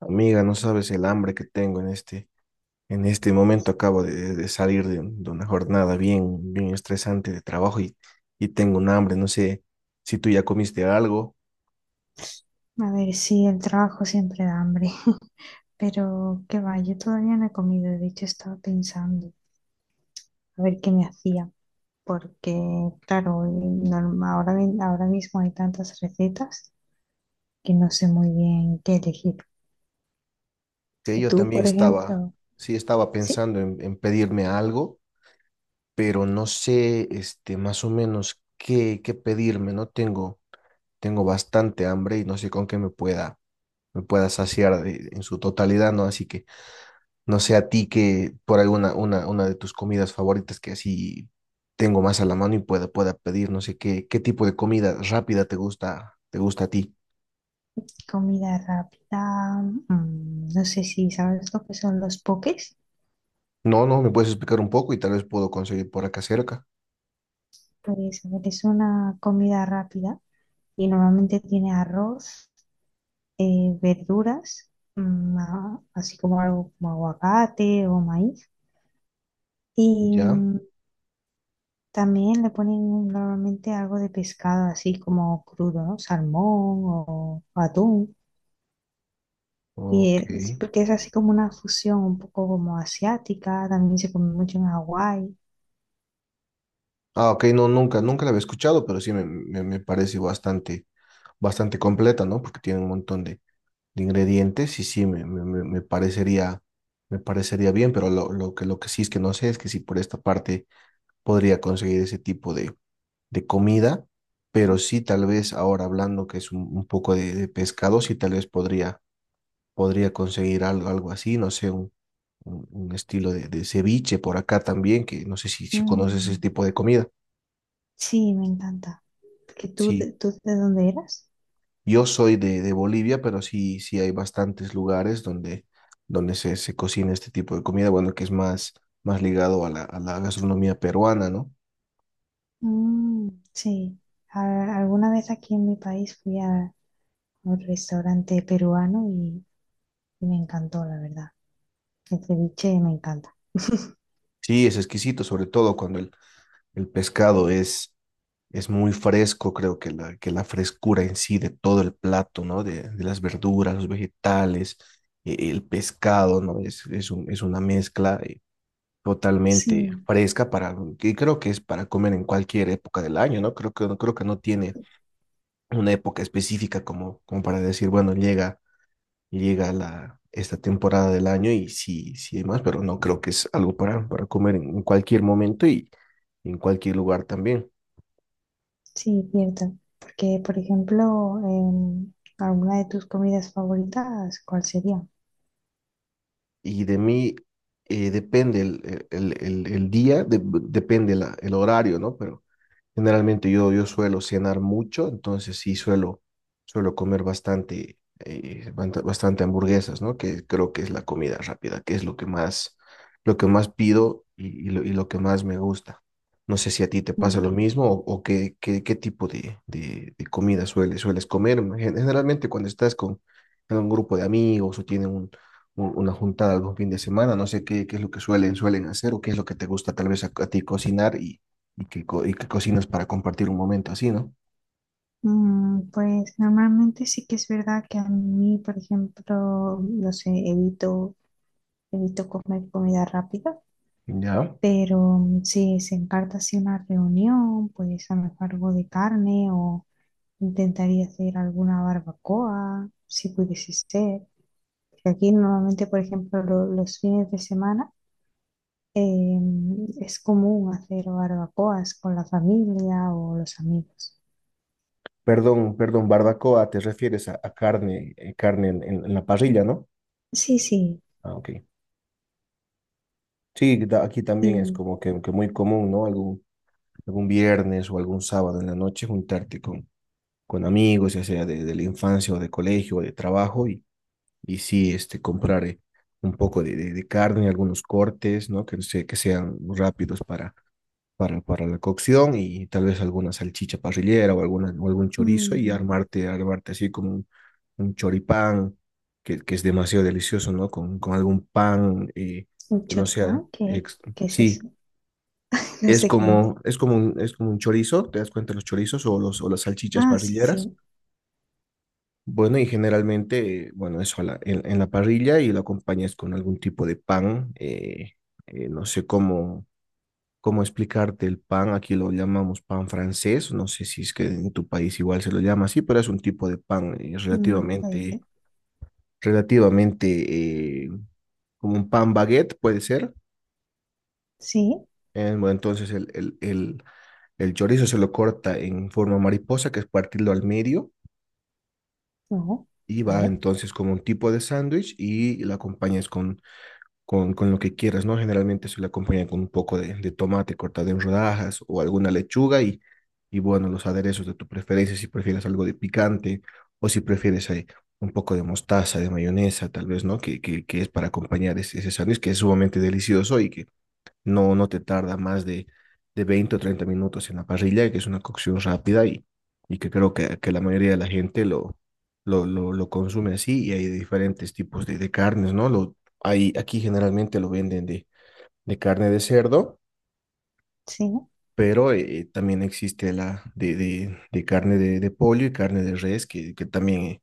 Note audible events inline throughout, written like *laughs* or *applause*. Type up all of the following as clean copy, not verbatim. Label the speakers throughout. Speaker 1: Amiga, no sabes el hambre que tengo en este momento. Acabo de salir de una jornada bien estresante de trabajo y tengo un hambre. No sé si tú ya comiste algo,
Speaker 2: A ver, sí, el trabajo siempre da hambre, *laughs* pero qué va, yo todavía no he comido. De hecho estaba pensando a ver qué me hacía, porque claro, ahora mismo hay tantas recetas que no sé muy bien qué elegir.
Speaker 1: que yo
Speaker 2: Tú,
Speaker 1: también
Speaker 2: por
Speaker 1: estaba,
Speaker 2: ejemplo,
Speaker 1: sí estaba
Speaker 2: sí,
Speaker 1: pensando en pedirme algo, pero no sé, este, más o menos qué pedirme. No tengo, tengo bastante hambre y no sé con qué me pueda saciar en su totalidad, ¿no? Así que no sé a ti que por una de tus comidas favoritas que así tengo más a la mano y pueda pedir, no sé qué tipo de comida rápida te gusta a ti.
Speaker 2: comida rápida, no sé si sabes lo que son los poques.
Speaker 1: No, no, me puedes explicar un poco y tal vez puedo conseguir por acá cerca.
Speaker 2: Pues a ver, es una comida rápida y normalmente tiene arroz, verduras, así como algo como aguacate o maíz. Y
Speaker 1: Ya,
Speaker 2: también le ponen normalmente algo de pescado, así como crudo, ¿no? Salmón o atún.
Speaker 1: ok.
Speaker 2: Porque es así como una fusión un poco como asiática, también se come mucho en Hawái.
Speaker 1: Ah, ok, no, nunca la había escuchado, pero sí me parece bastante completa, ¿no? Porque tiene un montón de ingredientes y sí, me parecería bien, pero lo que sí es que no sé es que si por esta parte podría conseguir ese tipo de comida, pero sí tal vez ahora hablando que es un poco de pescado, sí tal vez podría conseguir algo, algo así, no sé, un estilo de ceviche por acá también, que no sé si conoces ese
Speaker 2: Mm,
Speaker 1: tipo de comida.
Speaker 2: sí, me encanta. ¿Que
Speaker 1: Sí,
Speaker 2: tú de dónde eras?
Speaker 1: yo soy de Bolivia, pero sí, sí hay bastantes lugares donde se cocina este tipo de comida, bueno, que es más ligado a a la gastronomía peruana, ¿no?
Speaker 2: Mm, sí, alguna vez aquí en mi país fui a un restaurante peruano. Me encantó, la verdad. El ceviche me encanta.
Speaker 1: Sí, es exquisito, sobre todo cuando el pescado es muy fresco, creo que la frescura en sí de todo el plato, ¿no? De las verduras, los vegetales, el pescado, ¿no? Es, es una mezcla totalmente
Speaker 2: Sí,
Speaker 1: fresca para, que creo que es para comer en cualquier época del año, ¿no? Creo que no tiene una época específica como, como para decir, bueno, llega esta temporada del año y sí, sí, demás, pero no creo que es algo para comer en cualquier momento y en cualquier lugar también.
Speaker 2: sí, cierto. Porque, por ejemplo, ¿alguna de tus comidas favoritas, cuál sería?
Speaker 1: Y de mí depende día, depende el horario, ¿no? Pero generalmente yo suelo cenar mucho, entonces sí suelo comer bastante, bastante hamburguesas, ¿no? Que creo que es la comida rápida, que es lo que más pido y lo que más me gusta. No sé si a ti te pasa
Speaker 2: Mm,
Speaker 1: lo mismo o qué, qué tipo de comida sueles comer. Generalmente cuando estás con en un grupo de amigos o tienen una juntada algún fin de semana, no sé qué, qué es lo que suelen hacer o qué es lo que te gusta tal vez a ti cocinar y que, que cocinas para compartir un momento así, ¿no?
Speaker 2: pues normalmente sí que es verdad que a mí, por ejemplo, no sé, evito comer comida rápida.
Speaker 1: Ya.
Speaker 2: Pero si se encarta así una reunión, pues a lo mejor algo de carne o intentaría hacer alguna barbacoa, si pudiese ser. Que aquí normalmente, por ejemplo, los fines de semana eh, es común hacer barbacoas con la familia o los amigos.
Speaker 1: Perdón, perdón, barbacoa, te refieres a carne, carne en la parrilla, ¿no?
Speaker 2: Sí, sí.
Speaker 1: Ah, ok. Sí, aquí también es
Speaker 2: Y
Speaker 1: como que muy común, ¿no? Algún, algún viernes o algún sábado en la noche juntarte con amigos, ya sea de la infancia o de colegio o de trabajo, y sí, este, comprar un poco de carne, algunos cortes, ¿no? Que, que sean rápidos para para la cocción y tal vez alguna salchicha parrillera o, alguna, o algún chorizo y
Speaker 2: mm,
Speaker 1: armarte, armarte así como un choripán que es demasiado delicioso, ¿no? Con algún pan
Speaker 2: un
Speaker 1: que no sea...
Speaker 2: choripán, ¿qué, qué es
Speaker 1: sí,
Speaker 2: eso? *laughs* No sé qué es.
Speaker 1: es como un chorizo, ¿te das cuenta? Los chorizos o, los, o las salchichas
Speaker 2: Ah, sí,
Speaker 1: parrilleras.
Speaker 2: sí.
Speaker 1: Bueno, y generalmente, bueno, eso a en la parrilla y lo acompañas con algún tipo de pan, no sé cómo cómo explicarte el pan, aquí lo llamamos pan francés, no sé si es que en tu país igual se lo llama así, pero es un tipo de pan
Speaker 2: Puede
Speaker 1: relativamente,
Speaker 2: ser.
Speaker 1: relativamente como un pan baguette, puede ser.
Speaker 2: Sí,
Speaker 1: Bueno, entonces el chorizo se lo corta en forma mariposa, que es partirlo al medio,
Speaker 2: no,
Speaker 1: y va
Speaker 2: vale,
Speaker 1: entonces como un tipo de sándwich y la acompañas con con lo que quieras, ¿no? Generalmente se le acompaña con un poco de tomate cortado en rodajas o alguna lechuga y bueno, los aderezos de tu preferencia, si prefieres algo de picante o si prefieres ahí un poco de mostaza, de mayonesa, tal vez, ¿no? Que es para acompañar ese, ese sándwich que es sumamente delicioso y que no, no te tarda más de 20 o 30 minutos en la parrilla, que es una cocción rápida y que creo que la mayoría de la gente lo consume así y hay diferentes tipos de carnes, ¿no? Lo, hay, aquí generalmente lo venden de carne de cerdo,
Speaker 2: sí. ¿No?
Speaker 1: pero también existe la de carne de pollo y carne de res, que también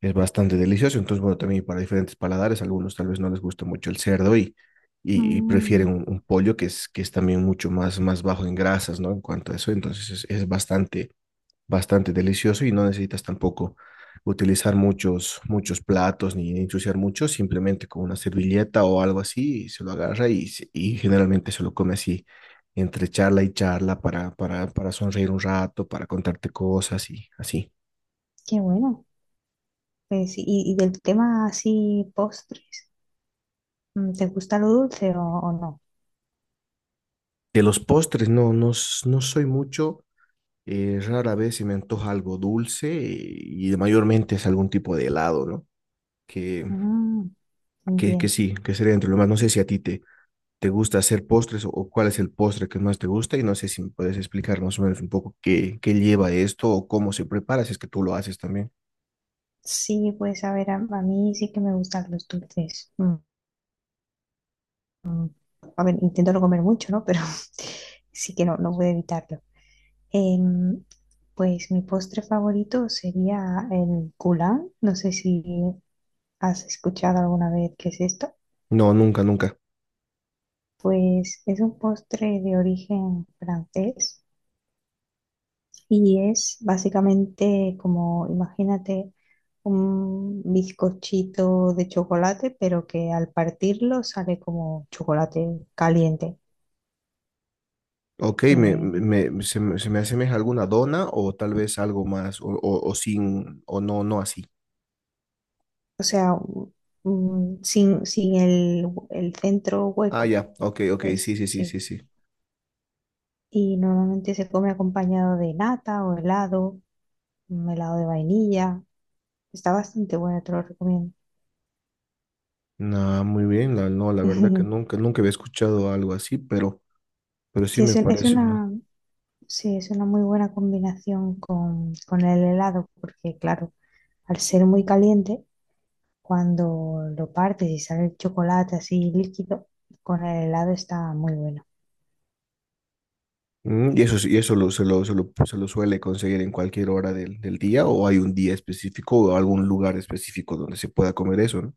Speaker 1: es bastante delicioso. Entonces, bueno, también para diferentes paladares, algunos tal vez no les gusta mucho el cerdo y prefieren
Speaker 2: Mm,
Speaker 1: un pollo que es también mucho más, más bajo en grasas, ¿no? En cuanto a eso, entonces es bastante bastante delicioso y no necesitas tampoco utilizar muchos, muchos platos ni ensuciar mucho, simplemente con una servilleta o algo así se lo agarra y, y generalmente se lo come así entre charla y charla para sonreír un rato, para contarte cosas y así.
Speaker 2: Qué bueno. Pues, y del tema así, postres, ¿te gusta lo dulce o no?
Speaker 1: De los postres, no, no, no soy mucho. Rara vez se me antoja algo dulce y mayormente es algún tipo de helado, ¿no? Que,
Speaker 2: Mm,
Speaker 1: que
Speaker 2: Entiendo.
Speaker 1: sí, que sería entre lo más. No sé si a ti te gusta hacer postres o cuál es el postre que más te gusta y no sé si me puedes explicar más o menos un poco qué, qué lleva esto o cómo se prepara, si es que tú lo haces también.
Speaker 2: Sí, pues a ver, a mí sí que me gustan los dulces. Mm, mm. A ver, intento no comer mucho, ¿no? Pero *laughs* sí que no puedo evitarlo. Em, pues mi postre favorito sería el goulard. No sé si has escuchado alguna vez qué es esto.
Speaker 1: No, nunca, nunca.
Speaker 2: Pues es un postre de origen francés. Y es básicamente como, imagínate, un bizcochito de chocolate, pero que al partirlo sale como chocolate caliente.
Speaker 1: Ok,
Speaker 2: Eh,
Speaker 1: me asemeja alguna dona o tal vez algo más o sin o no, no así.
Speaker 2: o sea, sin el centro
Speaker 1: Ah,
Speaker 2: hueco,
Speaker 1: ya, ok, ok, sí,
Speaker 2: es,
Speaker 1: sí, sí,
Speaker 2: sí.
Speaker 1: sí, sí.
Speaker 2: Y normalmente se come acompañado de nata o helado, un helado de vainilla. Está bastante bueno, te lo recomiendo.
Speaker 1: No, muy bien, la, no, la verdad que
Speaker 2: *laughs*
Speaker 1: nunca había escuchado algo así, pero sí
Speaker 2: Sí,
Speaker 1: me
Speaker 2: es
Speaker 1: parece una...
Speaker 2: una. Sí, es una muy buena combinación con el helado, porque claro, al ser muy caliente, cuando lo partes y sale el chocolate así líquido, con el helado está muy bueno.
Speaker 1: Mm, ¿y eso, y eso se lo suele conseguir en cualquier hora del día o hay un día específico o algún lugar específico donde se pueda comer eso, ¿no?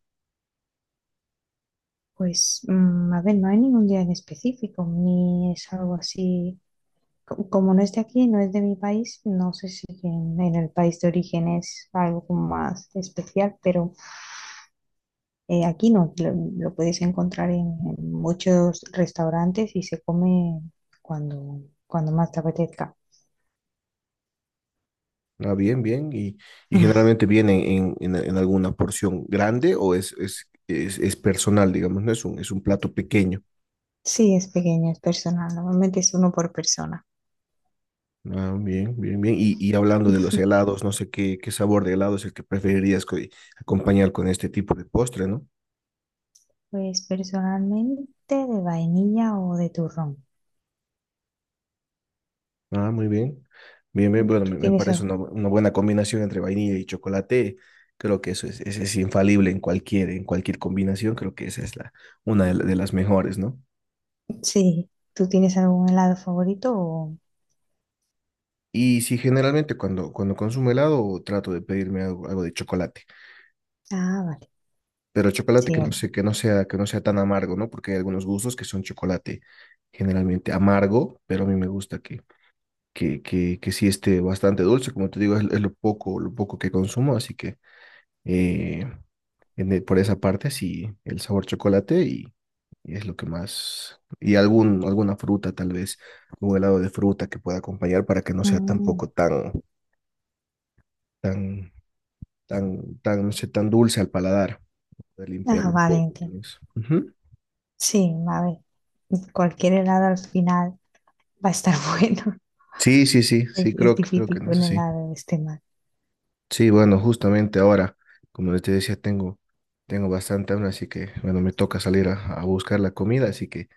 Speaker 2: Pues, a ver, no hay ningún día en específico, ni es algo así. Como no es de aquí, no es de mi país, no sé si en el país de origen es algo como más especial. Pero aquí no, lo puedes encontrar en muchos restaurantes y se come cuando, cuando más te apetezca.
Speaker 1: Ah, bien, bien. Y
Speaker 2: *laughs*
Speaker 1: generalmente viene en alguna porción grande o es, es personal, digamos, ¿no? Es un plato pequeño.
Speaker 2: Sí, es pequeño, es personal. Normalmente es uno por persona.
Speaker 1: Ah, bien, bien, bien. Y hablando de los
Speaker 2: *laughs*
Speaker 1: helados, no sé qué, qué sabor de helado es el que preferirías acompañar con este tipo de postre, ¿no?
Speaker 2: Pues personalmente de vainilla o de turrón.
Speaker 1: Ah, muy bien. Bien, bien, bueno,
Speaker 2: ¿Tú
Speaker 1: me
Speaker 2: tienes,
Speaker 1: parece
Speaker 2: a-
Speaker 1: una, una buena combinación entre vainilla y chocolate. Creo que eso es infalible en cualquier combinación. Creo que esa es la, una de, la- de las mejores, ¿no?
Speaker 2: sí, ¿tú tienes algún helado favorito.
Speaker 1: Y sí, generalmente cuando consumo helado trato de pedirme algo, algo de chocolate,
Speaker 2: Ah, vale.
Speaker 1: pero chocolate
Speaker 2: Sí.
Speaker 1: que no sé, que no sea tan amargo, ¿no? Porque hay algunos gustos que son chocolate generalmente amargo, pero a mí me gusta que, que sí esté bastante dulce. Como te digo, es lo poco que consumo, así que... eh, en por esa parte, sí, el sabor chocolate y es lo que más, y algún, alguna fruta tal vez, un helado de fruta que pueda acompañar para que no sea
Speaker 2: Mm,
Speaker 1: tampoco tan, tan, tan, no sé, tan dulce al paladar, poder
Speaker 2: ah,
Speaker 1: limpiarlo un
Speaker 2: vale.
Speaker 1: poco. Tal
Speaker 2: Entiendo.
Speaker 1: vez. Ujú.
Speaker 2: Sí, a ver. Cualquier helado al final va a estar *laughs* bueno.
Speaker 1: Sí, sí, sí,
Speaker 2: Es,
Speaker 1: sí,
Speaker 2: es
Speaker 1: creo que
Speaker 2: difícil
Speaker 1: en
Speaker 2: que
Speaker 1: eso
Speaker 2: un
Speaker 1: sí.
Speaker 2: helado esté mal.
Speaker 1: Sí, bueno, justamente ahora, como te decía, tengo bastante hambre, así que, bueno, me toca salir a buscar la comida, así que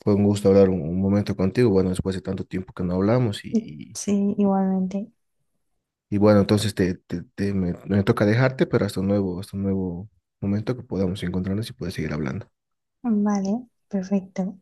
Speaker 1: fue un gusto hablar un momento contigo, bueno, después de tanto tiempo que no hablamos y,
Speaker 2: Sí, igualmente.
Speaker 1: Y bueno, entonces me toca dejarte, pero hasta un nuevo momento que podamos encontrarnos y puedes seguir hablando.
Speaker 2: Vale, perfecto.